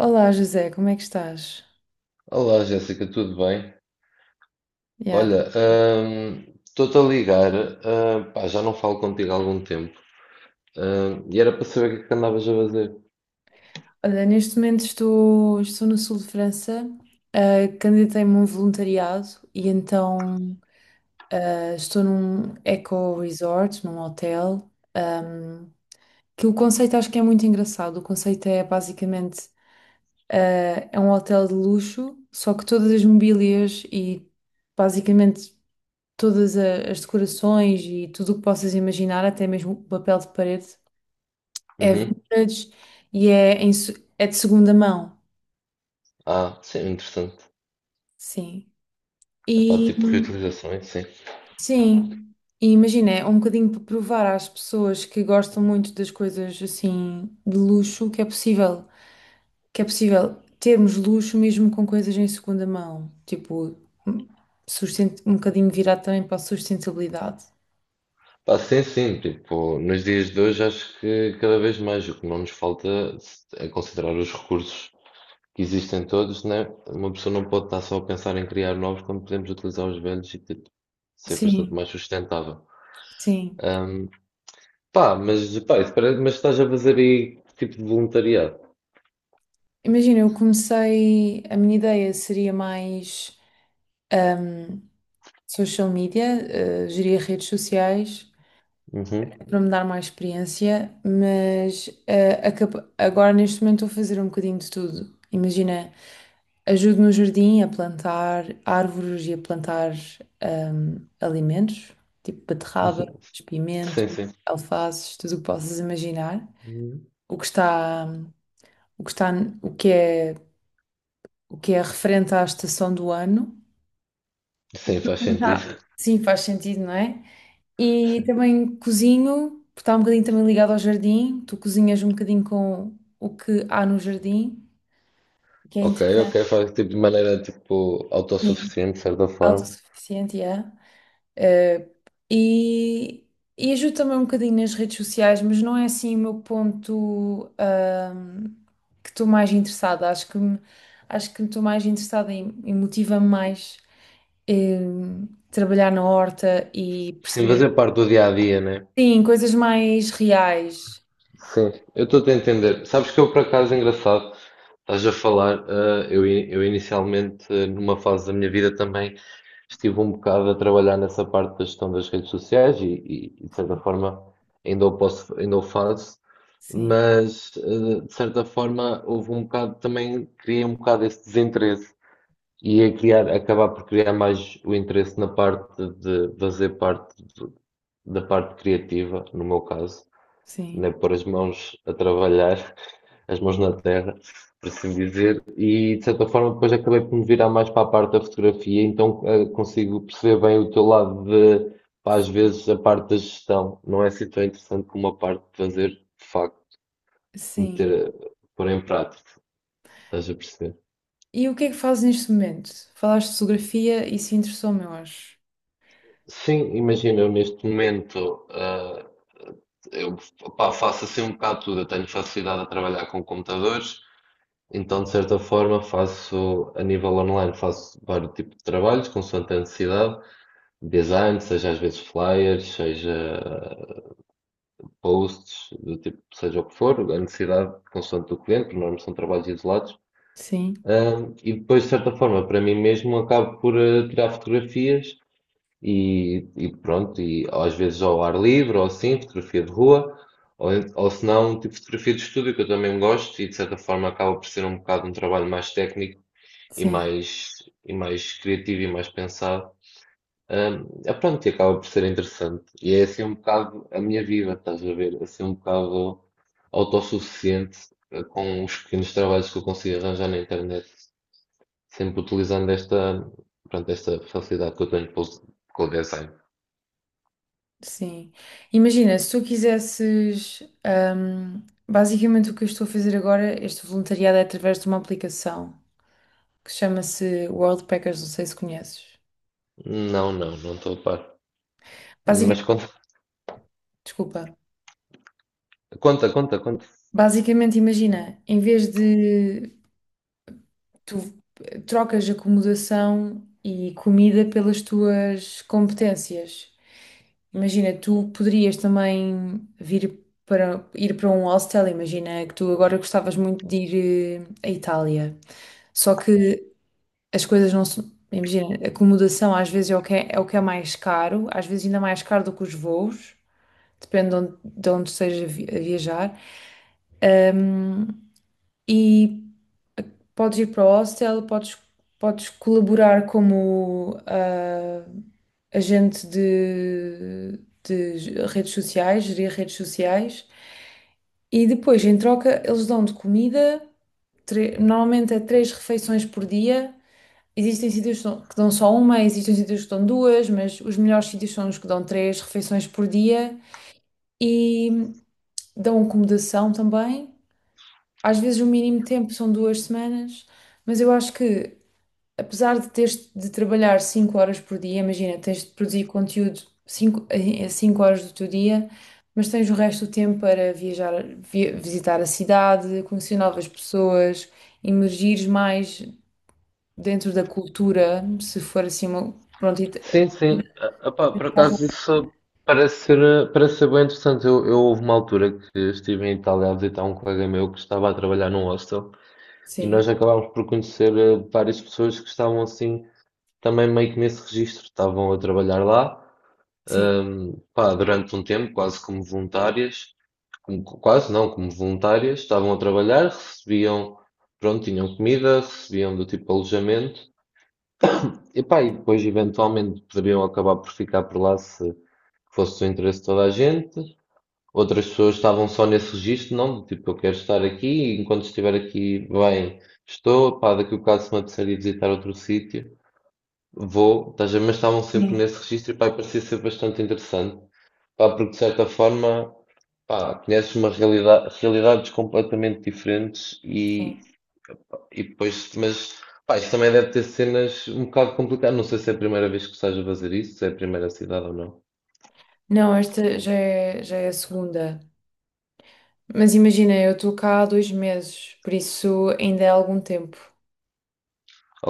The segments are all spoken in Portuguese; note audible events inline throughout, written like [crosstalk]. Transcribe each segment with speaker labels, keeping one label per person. Speaker 1: Olá José, como é que estás?
Speaker 2: Olá, Jéssica, tudo bem?
Speaker 1: Yeah.
Speaker 2: Olha, estou-te a ligar, pá, já não falo contigo há algum tempo, e era para saber o que é que andavas a fazer.
Speaker 1: Olha, neste momento estou no sul de França, candidatei-me a um voluntariado e então estou num eco resort, num hotel, que o conceito acho que é muito engraçado. O conceito é basicamente ah, é um hotel de luxo, só que todas as mobílias e basicamente as decorações e tudo o que possas imaginar, até mesmo o papel de parede, é
Speaker 2: Uhum.
Speaker 1: vintage e é, é de segunda mão,
Speaker 2: Ah, sim, interessante.
Speaker 1: sim.
Speaker 2: Epá,
Speaker 1: E
Speaker 2: tipo reutilizações, sim.
Speaker 1: sim, e imagina, é um bocadinho para provar às pessoas que gostam muito das coisas assim de luxo que é possível termos luxo mesmo com coisas em segunda mão, tipo, hum, um bocadinho virado também para a sustentabilidade.
Speaker 2: Pá, sim, sim, tipo, nos dias de hoje acho que cada vez mais o que não nos falta é considerar os recursos que existem todos, né? Uma pessoa não pode estar só a pensar em criar novos quando podemos utilizar os velhos e tipo, ser bastante
Speaker 1: Sim,
Speaker 2: mais sustentável.
Speaker 1: sim.
Speaker 2: Hum, Pá, mas, pá, isso parece, mas estás a fazer aí que tipo de voluntariado?
Speaker 1: Imagina, eu comecei, a minha ideia seria mais. hum, social media, geria redes sociais
Speaker 2: Uhum.
Speaker 1: é para me dar mais experiência, mas agora neste momento estou a fazer um bocadinho de tudo. Imagina, ajudo no jardim a plantar árvores e a plantar alimentos, tipo
Speaker 2: [laughs]
Speaker 1: beterraba,
Speaker 2: Uhum.
Speaker 1: espimento
Speaker 2: Sim, sim.
Speaker 1: alfaces, tudo o que possas imaginar.
Speaker 2: Uhum.
Speaker 1: O que está, o que está, o que é, o que é referente à estação do ano. O
Speaker 2: Sim, faz sentido.
Speaker 1: Sim, faz sentido, não é? E também cozinho, porque está um bocadinho também ligado ao jardim. Tu cozinhas um bocadinho com o que há no jardim, que é
Speaker 2: Ok, ok,
Speaker 1: interessante.
Speaker 2: faz tipo de maneira tipo
Speaker 1: Sim.
Speaker 2: autossuficiente, de certa forma.
Speaker 1: Autossuficiente, yeah. Eh, e, e ajudo também um bocadinho nas redes sociais, mas não é assim o meu ponto, que estou mais interessada. Acho que estou mais interessada e motiva-me mais em trabalhar na horta e
Speaker 2: Sim, fazer
Speaker 1: perceber,
Speaker 2: parte do dia a dia, né?
Speaker 1: sim, coisas mais reais.
Speaker 2: Sim, eu estou a entender. Sabes que eu, por acaso, engraçado, estás a falar, eu, eu inicialmente, numa fase da minha vida também, estive um bocado a trabalhar nessa parte da gestão das redes sociais e, de certa forma, ainda o posso, ainda o faço,
Speaker 1: Sim.
Speaker 2: mas, de certa forma, houve um bocado, também criei um bocado esse desinteresse e a criar, acabar por criar mais o interesse na parte de fazer parte da parte criativa, no meu caso
Speaker 1: Sim,
Speaker 2: né, pôr as mãos a trabalhar, [laughs] as mãos na terra, por assim dizer, e de certa forma depois acabei por me virar mais para a parte da fotografia, então consigo perceber bem o teu lado de, pá, às vezes, a parte da gestão. Não é assim tão interessante como a parte de fazer, de facto,
Speaker 1: sim.
Speaker 2: meter, pôr em prática, estás a perceber?
Speaker 1: E o que é que fazes neste momento? Falaste de fotografia, isso interessou-me, eu acho.
Speaker 2: Sim, imagina, eu neste momento, eu pá, faço assim um bocado tudo. Eu tenho facilidade a trabalhar com computadores. Então, de certa forma, faço a nível online, faço vários tipos de trabalhos, consoante a necessidade, design, seja às vezes flyers, seja posts, do tipo, seja o que for, a necessidade consoante do cliente, porque normalmente são trabalhos isolados.
Speaker 1: Sim,
Speaker 2: E depois, de certa forma, para mim mesmo, acabo por tirar fotografias e pronto, e às vezes ao ar livre, ou assim, fotografia de rua, ou, ou se não, um tipo fotografia de estúdio, que eu também gosto, e de certa forma acaba por ser um bocado um trabalho mais técnico e
Speaker 1: sim,
Speaker 2: mais, e mais criativo e mais pensado. É pronto, e acaba por ser interessante. E é assim um bocado a minha vida, estás a ver? É assim um bocado autossuficiente com os pequenos trabalhos que eu consigo arranjar na internet, sempre utilizando esta, pronto, esta facilidade que eu tenho com o design.
Speaker 1: sim. Imagina, se tu quisesses, basicamente o que eu estou a fazer agora, este voluntariado é através de uma aplicação que chama-se World Packers, não sei se conheces.
Speaker 2: Não, não, não estou a par. Mas
Speaker 1: Basicamente,
Speaker 2: conta,
Speaker 1: desculpa.
Speaker 2: conta, conta, conta.
Speaker 1: Basicamente, imagina, em vez de tu trocas acomodação e comida pelas tuas competências. Imagina, tu poderias também vir para ir para um hostel, imagina que tu agora gostavas muito de ir à Itália. Só que as coisas não são, imagina, acomodação às vezes é o que é, é o que é mais caro, às vezes ainda mais caro do que os voos, depende de onde estejas a viajar. Um, e podes ir para o hostel, podes colaborar como agente de redes sociais, gerir redes sociais. E depois, em troca, eles dão-te comida, normalmente é 3 refeições por dia. Existem sítios que dão só uma, existem sítios que dão duas, mas os melhores sítios são os que dão 3 refeições por dia e dão acomodação também. Às vezes o mínimo tempo são 2 semanas, mas eu acho que apesar de teres de trabalhar 5 horas por dia, imagina, tens de produzir conteúdo 5 a 5 horas do teu dia, mas tens o resto do tempo para viajar, visitar a cidade, conhecer novas pessoas, imergires mais dentro da cultura, se for assim uma. Pronto,
Speaker 2: Sim, sim. Ah, pá, por
Speaker 1: caso-
Speaker 2: acaso isso parece ser, parece ser bem interessante. Eu houve uma altura que estive em Itália a visitar um colega meu que estava a trabalhar num hostel e
Speaker 1: sim,
Speaker 2: nós acabámos por conhecer várias pessoas que estavam assim também meio que nesse registro. Estavam a trabalhar lá,
Speaker 1: sim.
Speaker 2: pá, durante um tempo, quase como voluntárias, como- quase não, como voluntárias, estavam a trabalhar, recebiam, pronto, tinham comida, recebiam do tipo alojamento. Epá, e depois eventualmente poderiam acabar por ficar por lá se fosse do interesse de toda a gente. Outras pessoas estavam só nesse registro, não? Do tipo, eu quero estar aqui e enquanto estiver aqui, bem, estou. Pá, daqui a um bocado se me apetecer ir visitar outro sítio, vou. Estás a ver? Mas estavam sempre nesse registro e pá, e parecia ser bastante interessante. Pá, porque de certa forma, pá, conheces uma realidade, realidades completamente diferentes
Speaker 1: Sim.
Speaker 2: e depois, mas pá, isto também deve ter cenas um bocado complicadas. Não sei se é a primeira vez que estás a fazer isso, se é a primeira cidade ou não.
Speaker 1: Não, já é a segunda. Mas imagina, eu estou cá há 2 meses, por isso ainda é algum tempo.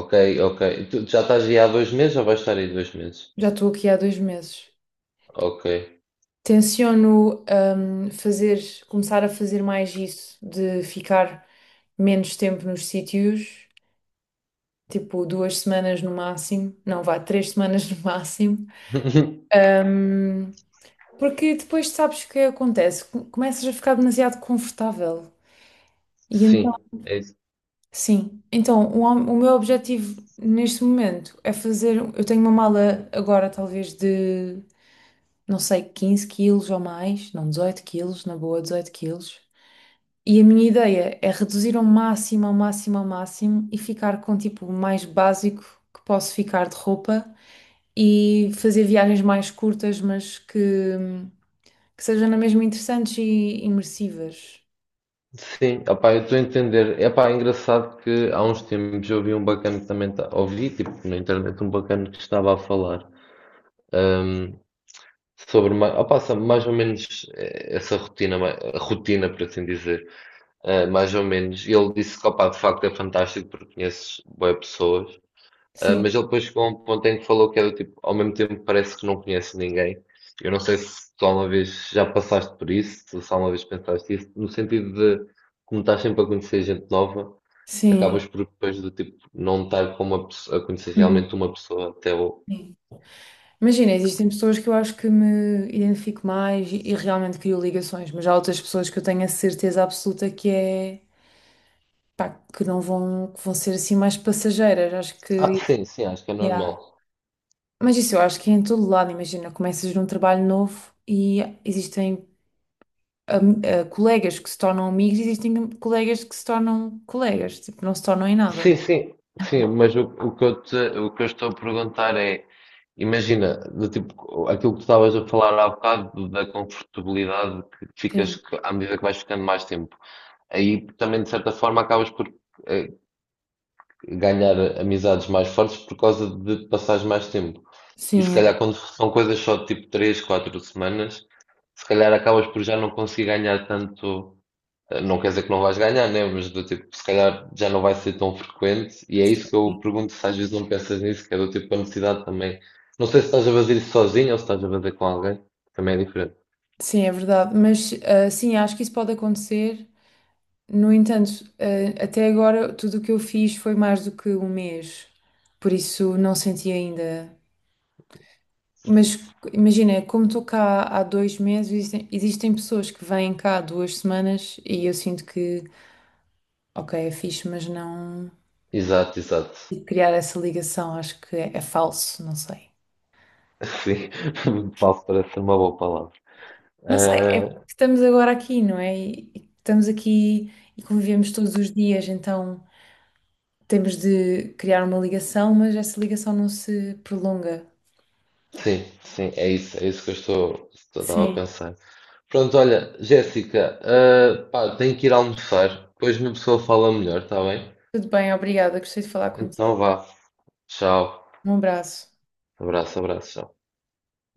Speaker 2: Ok, ok. Tu já estás aí há dois meses ou vais estar aí dois meses?
Speaker 1: Já estou aqui há 2 meses.
Speaker 2: Ok.
Speaker 1: Tenciono, hum, fazer, começar a fazer mais isso, de ficar menos tempo nos sítios, tipo 2 semanas no máximo, não vá, 3 semanas no máximo.
Speaker 2: [laughs]
Speaker 1: Hum, Porque depois sabes o que acontece, começas a ficar demasiado confortável. E então,
Speaker 2: Sim, é isso.
Speaker 1: sim, então o meu objetivo neste momento é fazer, eu tenho uma mala agora talvez de, não sei, 15 quilos ou mais, não, 18 quilos, na boa, 18 quilos. E a minha ideia é reduzir ao máximo, ao máximo, ao máximo e ficar com tipo o mais básico que posso ficar de roupa e fazer viagens mais curtas, mas que sejam na mesma interessantes e imersivas.
Speaker 2: Sim, opá, eu estou a entender. É pá, engraçado que há uns tempos eu ouvi um bacana que também tá, ouvi, tipo, na internet, um bacana que estava a falar ahm, sobre opá, sabe, mais ou menos essa rotina, rotina, por assim dizer. Mais ou menos. E ele disse que, opá, de facto é fantástico porque conheces boas pessoas.
Speaker 1: Sim,
Speaker 2: Mas ele depois chegou a um ponto em que falou que era tipo, ao mesmo tempo parece que não conhece ninguém. Eu não sei se tu alguma vez já passaste por isso, se só uma vez pensaste isso, no sentido de, como estás sempre a conhecer gente nova,
Speaker 1: sim.
Speaker 2: acabas por depois do tipo, não estar com uma, pesso- a conhecer
Speaker 1: Uhum.
Speaker 2: realmente uma pessoa até o...
Speaker 1: Sim. Imagina, existem pessoas que eu acho que me identifico mais e realmente crio ligações, mas há outras pessoas que eu tenho a certeza absoluta que é, pá, que não vão, que vão ser assim mais passageiras. Acho
Speaker 2: Ah,
Speaker 1: que,
Speaker 2: sim, sim, acho que é
Speaker 1: yeah.
Speaker 2: normal.
Speaker 1: Mas isso eu acho que é em todo lado, imagina, começas num trabalho novo e existem colegas que se tornam amigos, e existem colegas que se tornam colegas, tipo, não se tornam em nada.
Speaker 2: Sim, sim, sim, mas o que eu te, o que eu estou a perguntar é, imagina, do tipo, aquilo que tu estavas a falar há bocado da confortabilidade que
Speaker 1: Sim,
Speaker 2: ficas que- à medida que vais ficando mais tempo. Aí também, de certa forma, acabas por eh, ganhar amizades mais fortes por causa de passares mais tempo. E se
Speaker 1: sim,
Speaker 2: calhar quando são coisas só de tipo três quatro semanas, se calhar acabas por já não conseguir ganhar tanto não quer dizer que não vais ganhar, né? Mas do tipo, se calhar já não vai ser tão frequente. E é isso que eu pergunto se às vezes não pensas nisso, que é do tipo a necessidade também. Não sei se estás a fazer isso sozinho ou se estás a fazer com alguém. Também é diferente.
Speaker 1: sim, é verdade. Mas sim, acho que isso pode acontecer. No entanto, até agora tudo o que eu fiz foi mais do que um mês, por isso não senti ainda. Mas imagina, como estou cá há dois meses, existem pessoas que vêm cá há 2 semanas e eu sinto que ok, é fixe, mas não.
Speaker 2: Exato, exato.
Speaker 1: E criar essa ligação, acho é falso, não sei.
Speaker 2: [laughs] Sim, [laughs] falso parece ser uma boa palavra.
Speaker 1: Não sei, é porque
Speaker 2: Ah,
Speaker 1: estamos agora aqui, não é? E estamos aqui e convivemos todos os dias, então temos de criar uma ligação, mas essa ligação não se prolonga.
Speaker 2: sim, sim, é isso que estou estava a
Speaker 1: Sim.
Speaker 2: pensar. Pronto, olha, Jéssica, pá, tenho que ir almoçar. Depois uma pessoa fala melhor, está bem?
Speaker 1: Tudo bem, obrigada, gostei de falar
Speaker 2: Então
Speaker 1: contigo.
Speaker 2: vá. Tchau.
Speaker 1: Um abraço.
Speaker 2: Abraço, abraço, tchau.